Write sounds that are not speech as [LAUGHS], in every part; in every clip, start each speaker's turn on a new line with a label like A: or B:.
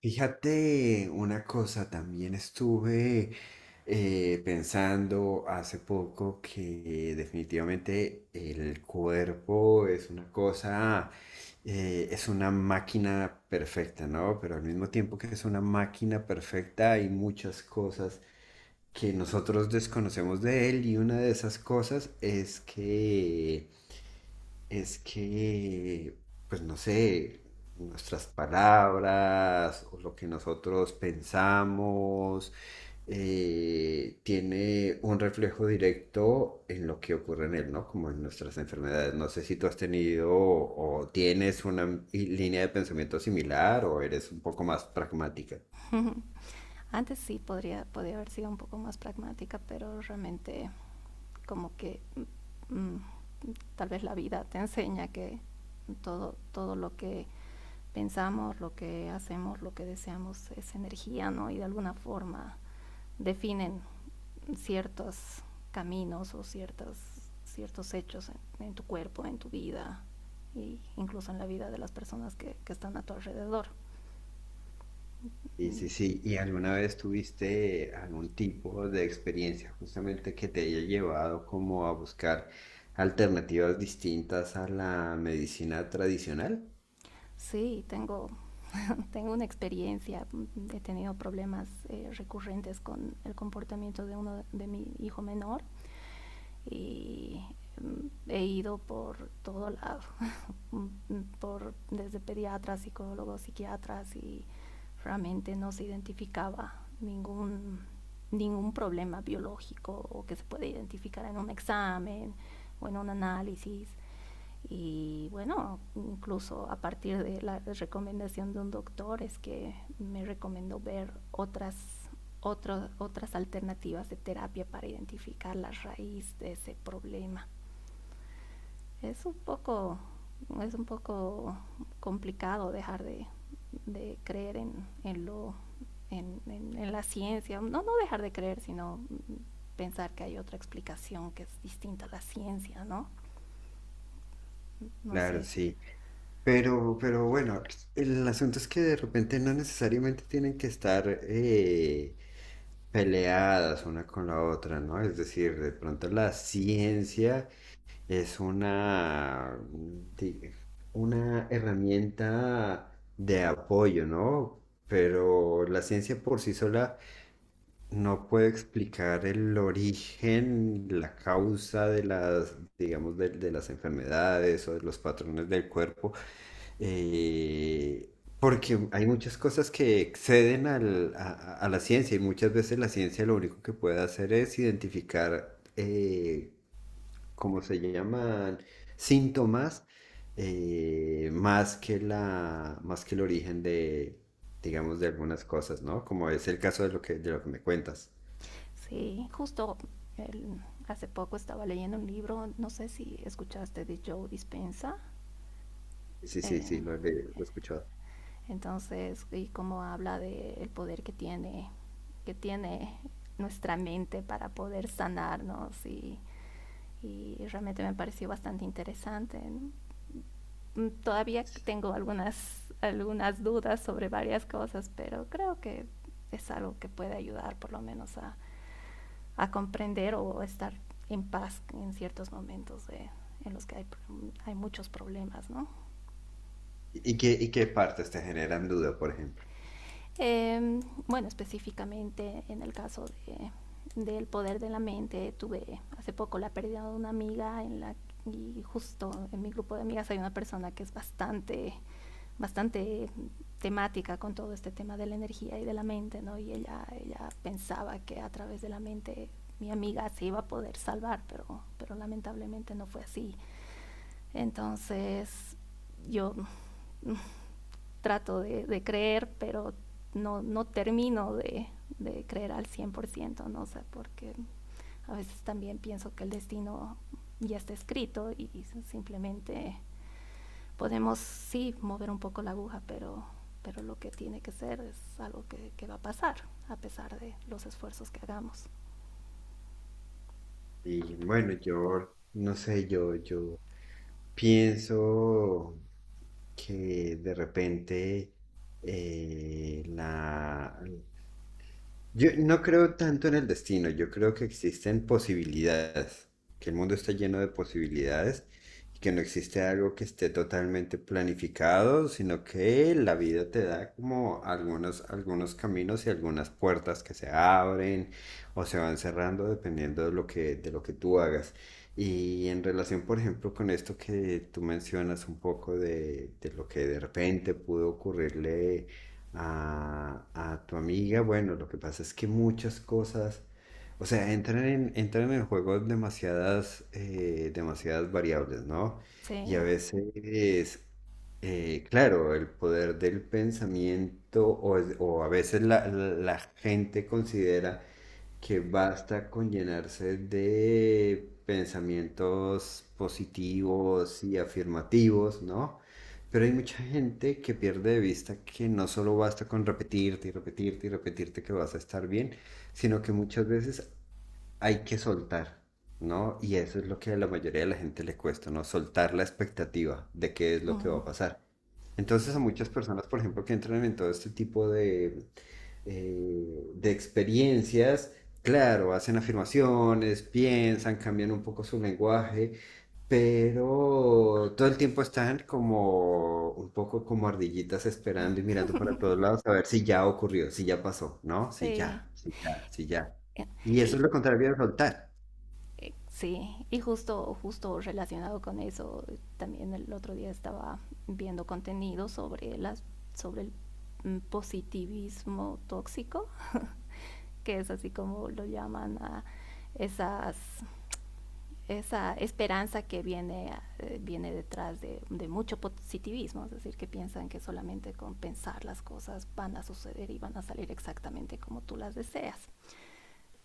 A: Fíjate una cosa, también estuve pensando hace poco que definitivamente el cuerpo es una cosa, es una máquina perfecta, ¿no? Pero al mismo tiempo que es una máquina perfecta hay muchas cosas que nosotros desconocemos de él, y una de esas cosas es que, pues no sé, nuestras palabras o lo que nosotros pensamos tiene un reflejo directo en lo que ocurre en él, ¿no? Como en nuestras enfermedades. No sé si tú has tenido o tienes una línea de pensamiento similar o eres un poco más pragmática.
B: Ujú. Antes sí podría haber sido un poco más pragmática, pero realmente como que mm, mm, tal vez la vida te enseña que todo lo que pensamos, lo que hacemos, lo que deseamos es energía, ¿no? Y de alguna forma definen ciertos caminos o ciertas ciertos hechos en tu cuerpo, en tu vida, e incluso en la vida de las personas que están a tu alrededor.
A: Sí, sí,
B: Mm,
A: sí. ¿Y alguna vez tuviste algún tipo de experiencia justamente que te haya llevado como a buscar alternativas distintas a la medicina tradicional?
B: Sí, tengo, [LAUGHS] tengo una experiencia. He tenido problemas recurrentes con el comportamiento de mi hijo menor. Y he ido por todo lado, [LAUGHS] desde pediatras, psicólogos, psiquiatras, y realmente no se identificaba ningún, ningún problema biológico o que se puede identificar en un examen o en un análisis. Y bueno, incluso a partir de la recomendación de un doctor es que me recomendó ver otras alternativas de terapia para identificar la raíz de ese problema. Es un poco, es un poco complicado dejar de creer en lo en, la ciencia. No, no dejar de creer, sino pensar que hay otra explicación que es distinta a la ciencia, ¿no? No
A: Claro,
B: sé.
A: sí. Pero bueno, el asunto es que de repente no necesariamente tienen que estar peleadas una con la otra, ¿no? Es decir, de pronto la ciencia es una, di- una herramienta de apoyo, ¿no? Pero la ciencia por sí sola no puede explicar el origen, la causa de las, digamos, de las enfermedades o de los patrones del cuerpo, eh, porque hay muchas cosas que exceden a la ciencia, y muchas veces la ciencia lo único que puede hacer es identificar, como se llaman, síntomas, más que más que el origen de, digamos, de algunas cosas, ¿no? Como es el caso de lo que me cuentas.
B: Sí, justo el- hace poco estaba leyendo un libro, no sé si escuchaste de Joe Dispenza.
A: Sí, sí,
B: eh,
A: sí, lo, he leído, lo he escuchado.
B: y cómo habla del poder que tiene nuestra mente para poder sanarnos, y realmente me pareció bastante interesante, ¿no? Todavía tengo algunas dudas sobre varias cosas, pero creo que es algo que puede ayudar por lo menos a comprender o estar en paz en ciertos momentos, de, en los que hay muchos problemas, ¿no?
A: Y qué partes te generan duda, por ejemplo?
B: Eh, bueno, específicamente en el caso del poder de la mente, tuve hace poco la pérdida de una amiga en la... Y justo en mi grupo de amigas hay una persona que es bastante, bastante temática con todo este tema de la energía y de la mente, ¿no? Y ella pensaba que a través de la mente mi amiga se iba a poder salvar, pero lamentablemente no fue así. Entonces, yo trato de creer, pero no, no termino creer al 100%, ¿no? O sea, porque a veces también pienso que el destino ya está escrito, y simplemente podemos, sí, mover un poco la aguja, pero lo que tiene que ser es algo que va a pasar, a pesar de los esfuerzos que hagamos.
A: Y bueno, yo, no sé, yo pienso que de repente eh, la, yo no creo tanto en el destino, yo creo que existen posibilidades, que el mundo está lleno de posibilidades y que no existe algo que esté totalmente planificado, sino que la vida te da como algunos, algunos caminos y algunas puertas que se abren o se van cerrando dependiendo de lo que tú hagas. Y en relación, por ejemplo, con esto que tú mencionas un poco de lo que de repente pudo ocurrirle a tu amiga. Bueno, lo que pasa es que muchas cosas, o sea, entran entran en el juego demasiadas, demasiadas variables, ¿no? Y a
B: Sí.
A: veces, claro, el poder del pensamiento o, o a veces la gente considera que basta con llenarse de pensamientos positivos y afirmativos, ¿no? Pero hay mucha gente que pierde de vista que no solo basta con repetirte y repetirte y repetirte que vas a estar bien, sino que muchas veces hay que soltar, ¿no? Y eso es lo que a la mayoría de la gente le cuesta, ¿no? Soltar la expectativa de qué es lo que va a pasar.
B: Sí.
A: Entonces a muchas personas, por ejemplo, que entran en todo este tipo de experiencias, claro, hacen afirmaciones, piensan, cambian un poco su lenguaje, pero todo el tiempo están como un poco como ardillitas esperando y mirando para todos lados a ver si ya ocurrió, si ya pasó, ¿no? Si
B: Sí.
A: ya, si ya, si ya. Y eso
B: Y,
A: es lo contrario de soltar.
B: Sí, y justo relacionado con eso, también el otro día estaba viendo contenido sobre las, sobre el mm, positivismo tóxico, [LAUGHS] que es así como lo llaman a esas, esa esperanza que viene detrás de mucho positivismo, es decir, que piensan que solamente con pensar las cosas van a suceder y van a salir exactamente como tú las deseas.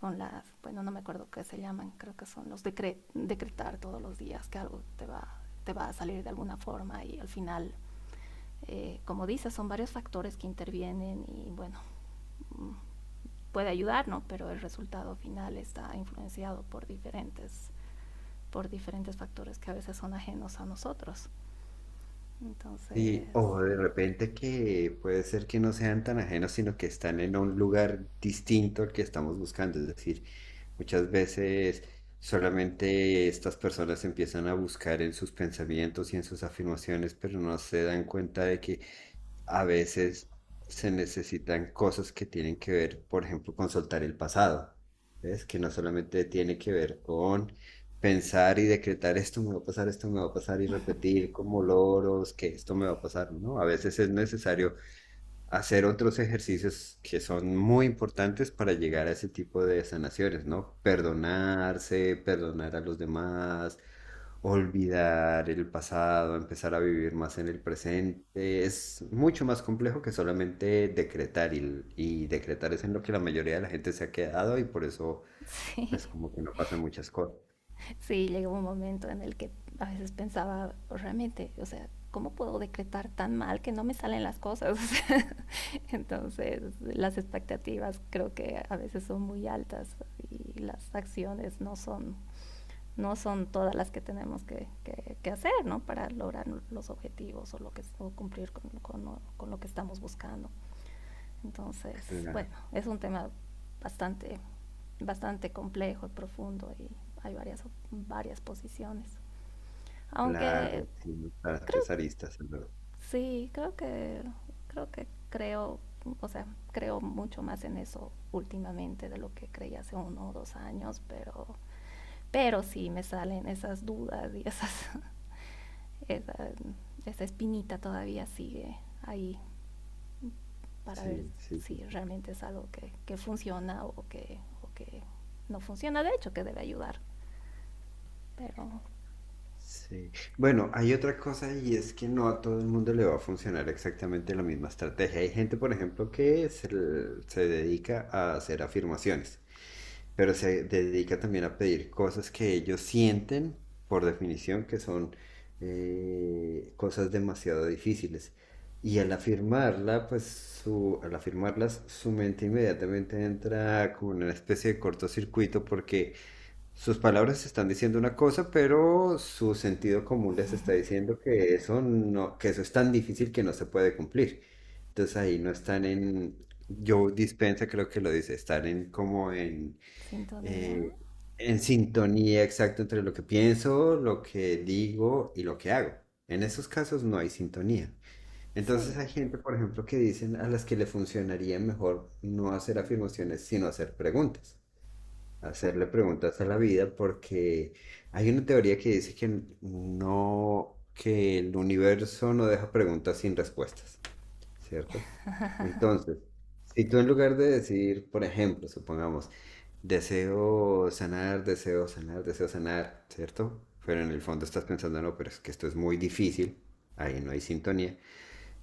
B: Con las... bueno, no me acuerdo qué se llaman, creo que son los decretar todos los días que algo te va a salir de alguna forma. Y al final, como dices, son varios factores que intervienen y bueno, puede ayudarnos, pero el resultado final está influenciado por diferentes factores que a veces son ajenos a nosotros.
A: Sí,
B: Entonces,
A: o de repente que puede ser que no sean tan ajenos, sino que están en un lugar distinto al que estamos buscando. Es decir, muchas veces solamente estas personas empiezan a buscar en sus pensamientos y en sus afirmaciones, pero no se dan cuenta de que a veces se necesitan cosas que tienen que ver, por ejemplo, con soltar el pasado, ¿ves? Que no solamente tiene que ver con pensar y decretar esto me va a pasar, esto me va a pasar, y repetir como loros que esto me va a pasar, ¿no? A veces es necesario hacer otros ejercicios que son muy importantes para llegar a ese tipo de sanaciones, ¿no? Perdonarse, perdonar a los demás, olvidar el pasado, empezar a vivir más en el presente. Es mucho más complejo que solamente decretar, y decretar es en lo que la mayoría de la gente se ha quedado, y por eso,
B: [LAUGHS] sí.
A: pues como que no pasan muchas cosas.
B: Sí, llegó un momento en el que a veces pensaba, realmente, o sea, ¿cómo puedo decretar tan mal que no me salen las cosas? [LAUGHS] O sea, entonces, las expectativas creo que a veces son muy altas y las acciones no son, no son todas las que, tenemos que hacer, ¿no? Para lograr los objetivos, o lo que... o cumplir con lo que estamos buscando. Entonces,
A: Claro,
B: bueno, es un tema bastante, bastante complejo y profundo, y hay varias posiciones. Aunque
A: claro, tiene
B: creo,
A: bastantes aristas, en verdad.
B: sí, creo, o sea, creo mucho más en eso últimamente de lo que creía hace 1 o 2 años, pero sí me salen esas dudas y esas... [LAUGHS] esa, esa espinita todavía sigue ahí, para ver
A: Sí, sí,
B: si
A: sí.
B: realmente es algo que funciona, o que... o que no funciona, de hecho, que debe ayudar. Pero
A: Sí. Bueno, hay otra cosa, y es que no a todo el mundo le va a funcionar exactamente la misma estrategia. Hay gente, por ejemplo, que se, se dedica a hacer afirmaciones, pero se dedica también a pedir cosas que ellos sienten, por definición, que son cosas demasiado difíciles. Y al afirmarla, pues su, al afirmarlas, su mente inmediatamente entra como en una especie de cortocircuito, porque sus palabras están diciendo una cosa, pero su sentido común les está diciendo que eso no, que eso es tan difícil que no se puede cumplir. Entonces ahí no están en, yo dispensa creo que lo dice, están en como
B: sintonía,
A: eh, en sintonía exacta entre lo que pienso, lo que digo y lo que hago. En esos casos no hay sintonía. Entonces hay
B: sí,
A: gente, por ejemplo, que dicen a las que le funcionaría mejor no hacer afirmaciones, sino hacer preguntas, hacerle preguntas a la vida, porque hay una teoría que dice que no, que el universo no deja preguntas sin respuestas, ¿cierto? Entonces, si tú en lugar de decir, por ejemplo, supongamos, deseo sanar, deseo sanar, deseo sanar, ¿cierto? Pero en el fondo estás pensando, no, pero es que esto es muy difícil, ahí no hay sintonía.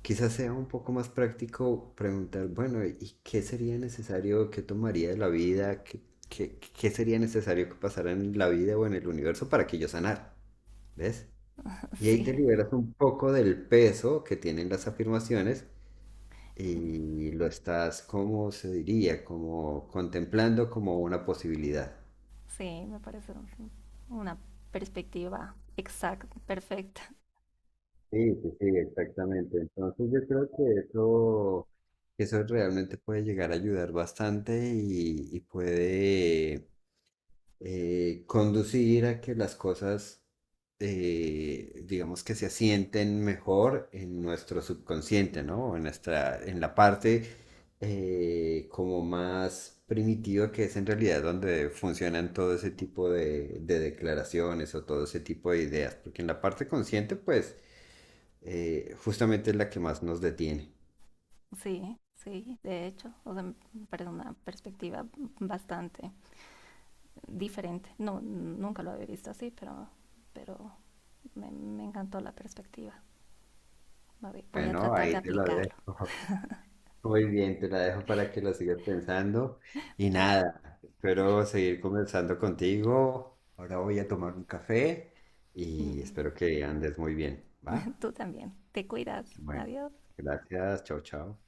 A: Quizás sea un poco más práctico preguntar, bueno, ¿y qué sería necesario, qué tomaría de la vida, qué, qué sería necesario que pasara en la vida o en el universo para que yo sanara? ¿Ves?
B: [LAUGHS]
A: Y ahí te
B: sí,
A: liberas un poco del peso que tienen las afirmaciones, y lo estás, ¿cómo se diría? Como contemplando como una posibilidad.
B: sí, me parece una perspectiva exacta, perfecta.
A: Sí, sí, sí, exactamente. Entonces yo creo que eso realmente puede llegar a ayudar bastante, y puede conducir a que las cosas, digamos, que se asienten mejor en nuestro subconsciente, ¿no? En nuestra, en la parte como más primitiva, que es en realidad donde funcionan todo ese tipo de declaraciones o todo ese tipo de ideas, porque en la parte consciente, pues, justamente es la que más nos detiene.
B: [LAUGHS] Sí, sí, de hecho, o sea, me parece una perspectiva bastante diferente. No, nunca lo había visto así, pero me encantó la perspectiva. Voy a
A: Bueno,
B: tratar de
A: ahí te lo
B: aplicarlo.
A: dejo. Muy bien, te la dejo para que la sigas pensando. Y
B: Pero
A: nada, espero seguir conversando contigo. Ahora voy a tomar un café y espero
B: mm,
A: que andes muy bien,
B: [LAUGHS]
A: ¿va?
B: tú también. Te cuidas.
A: Bueno,
B: Adiós.
A: gracias, chao, chao.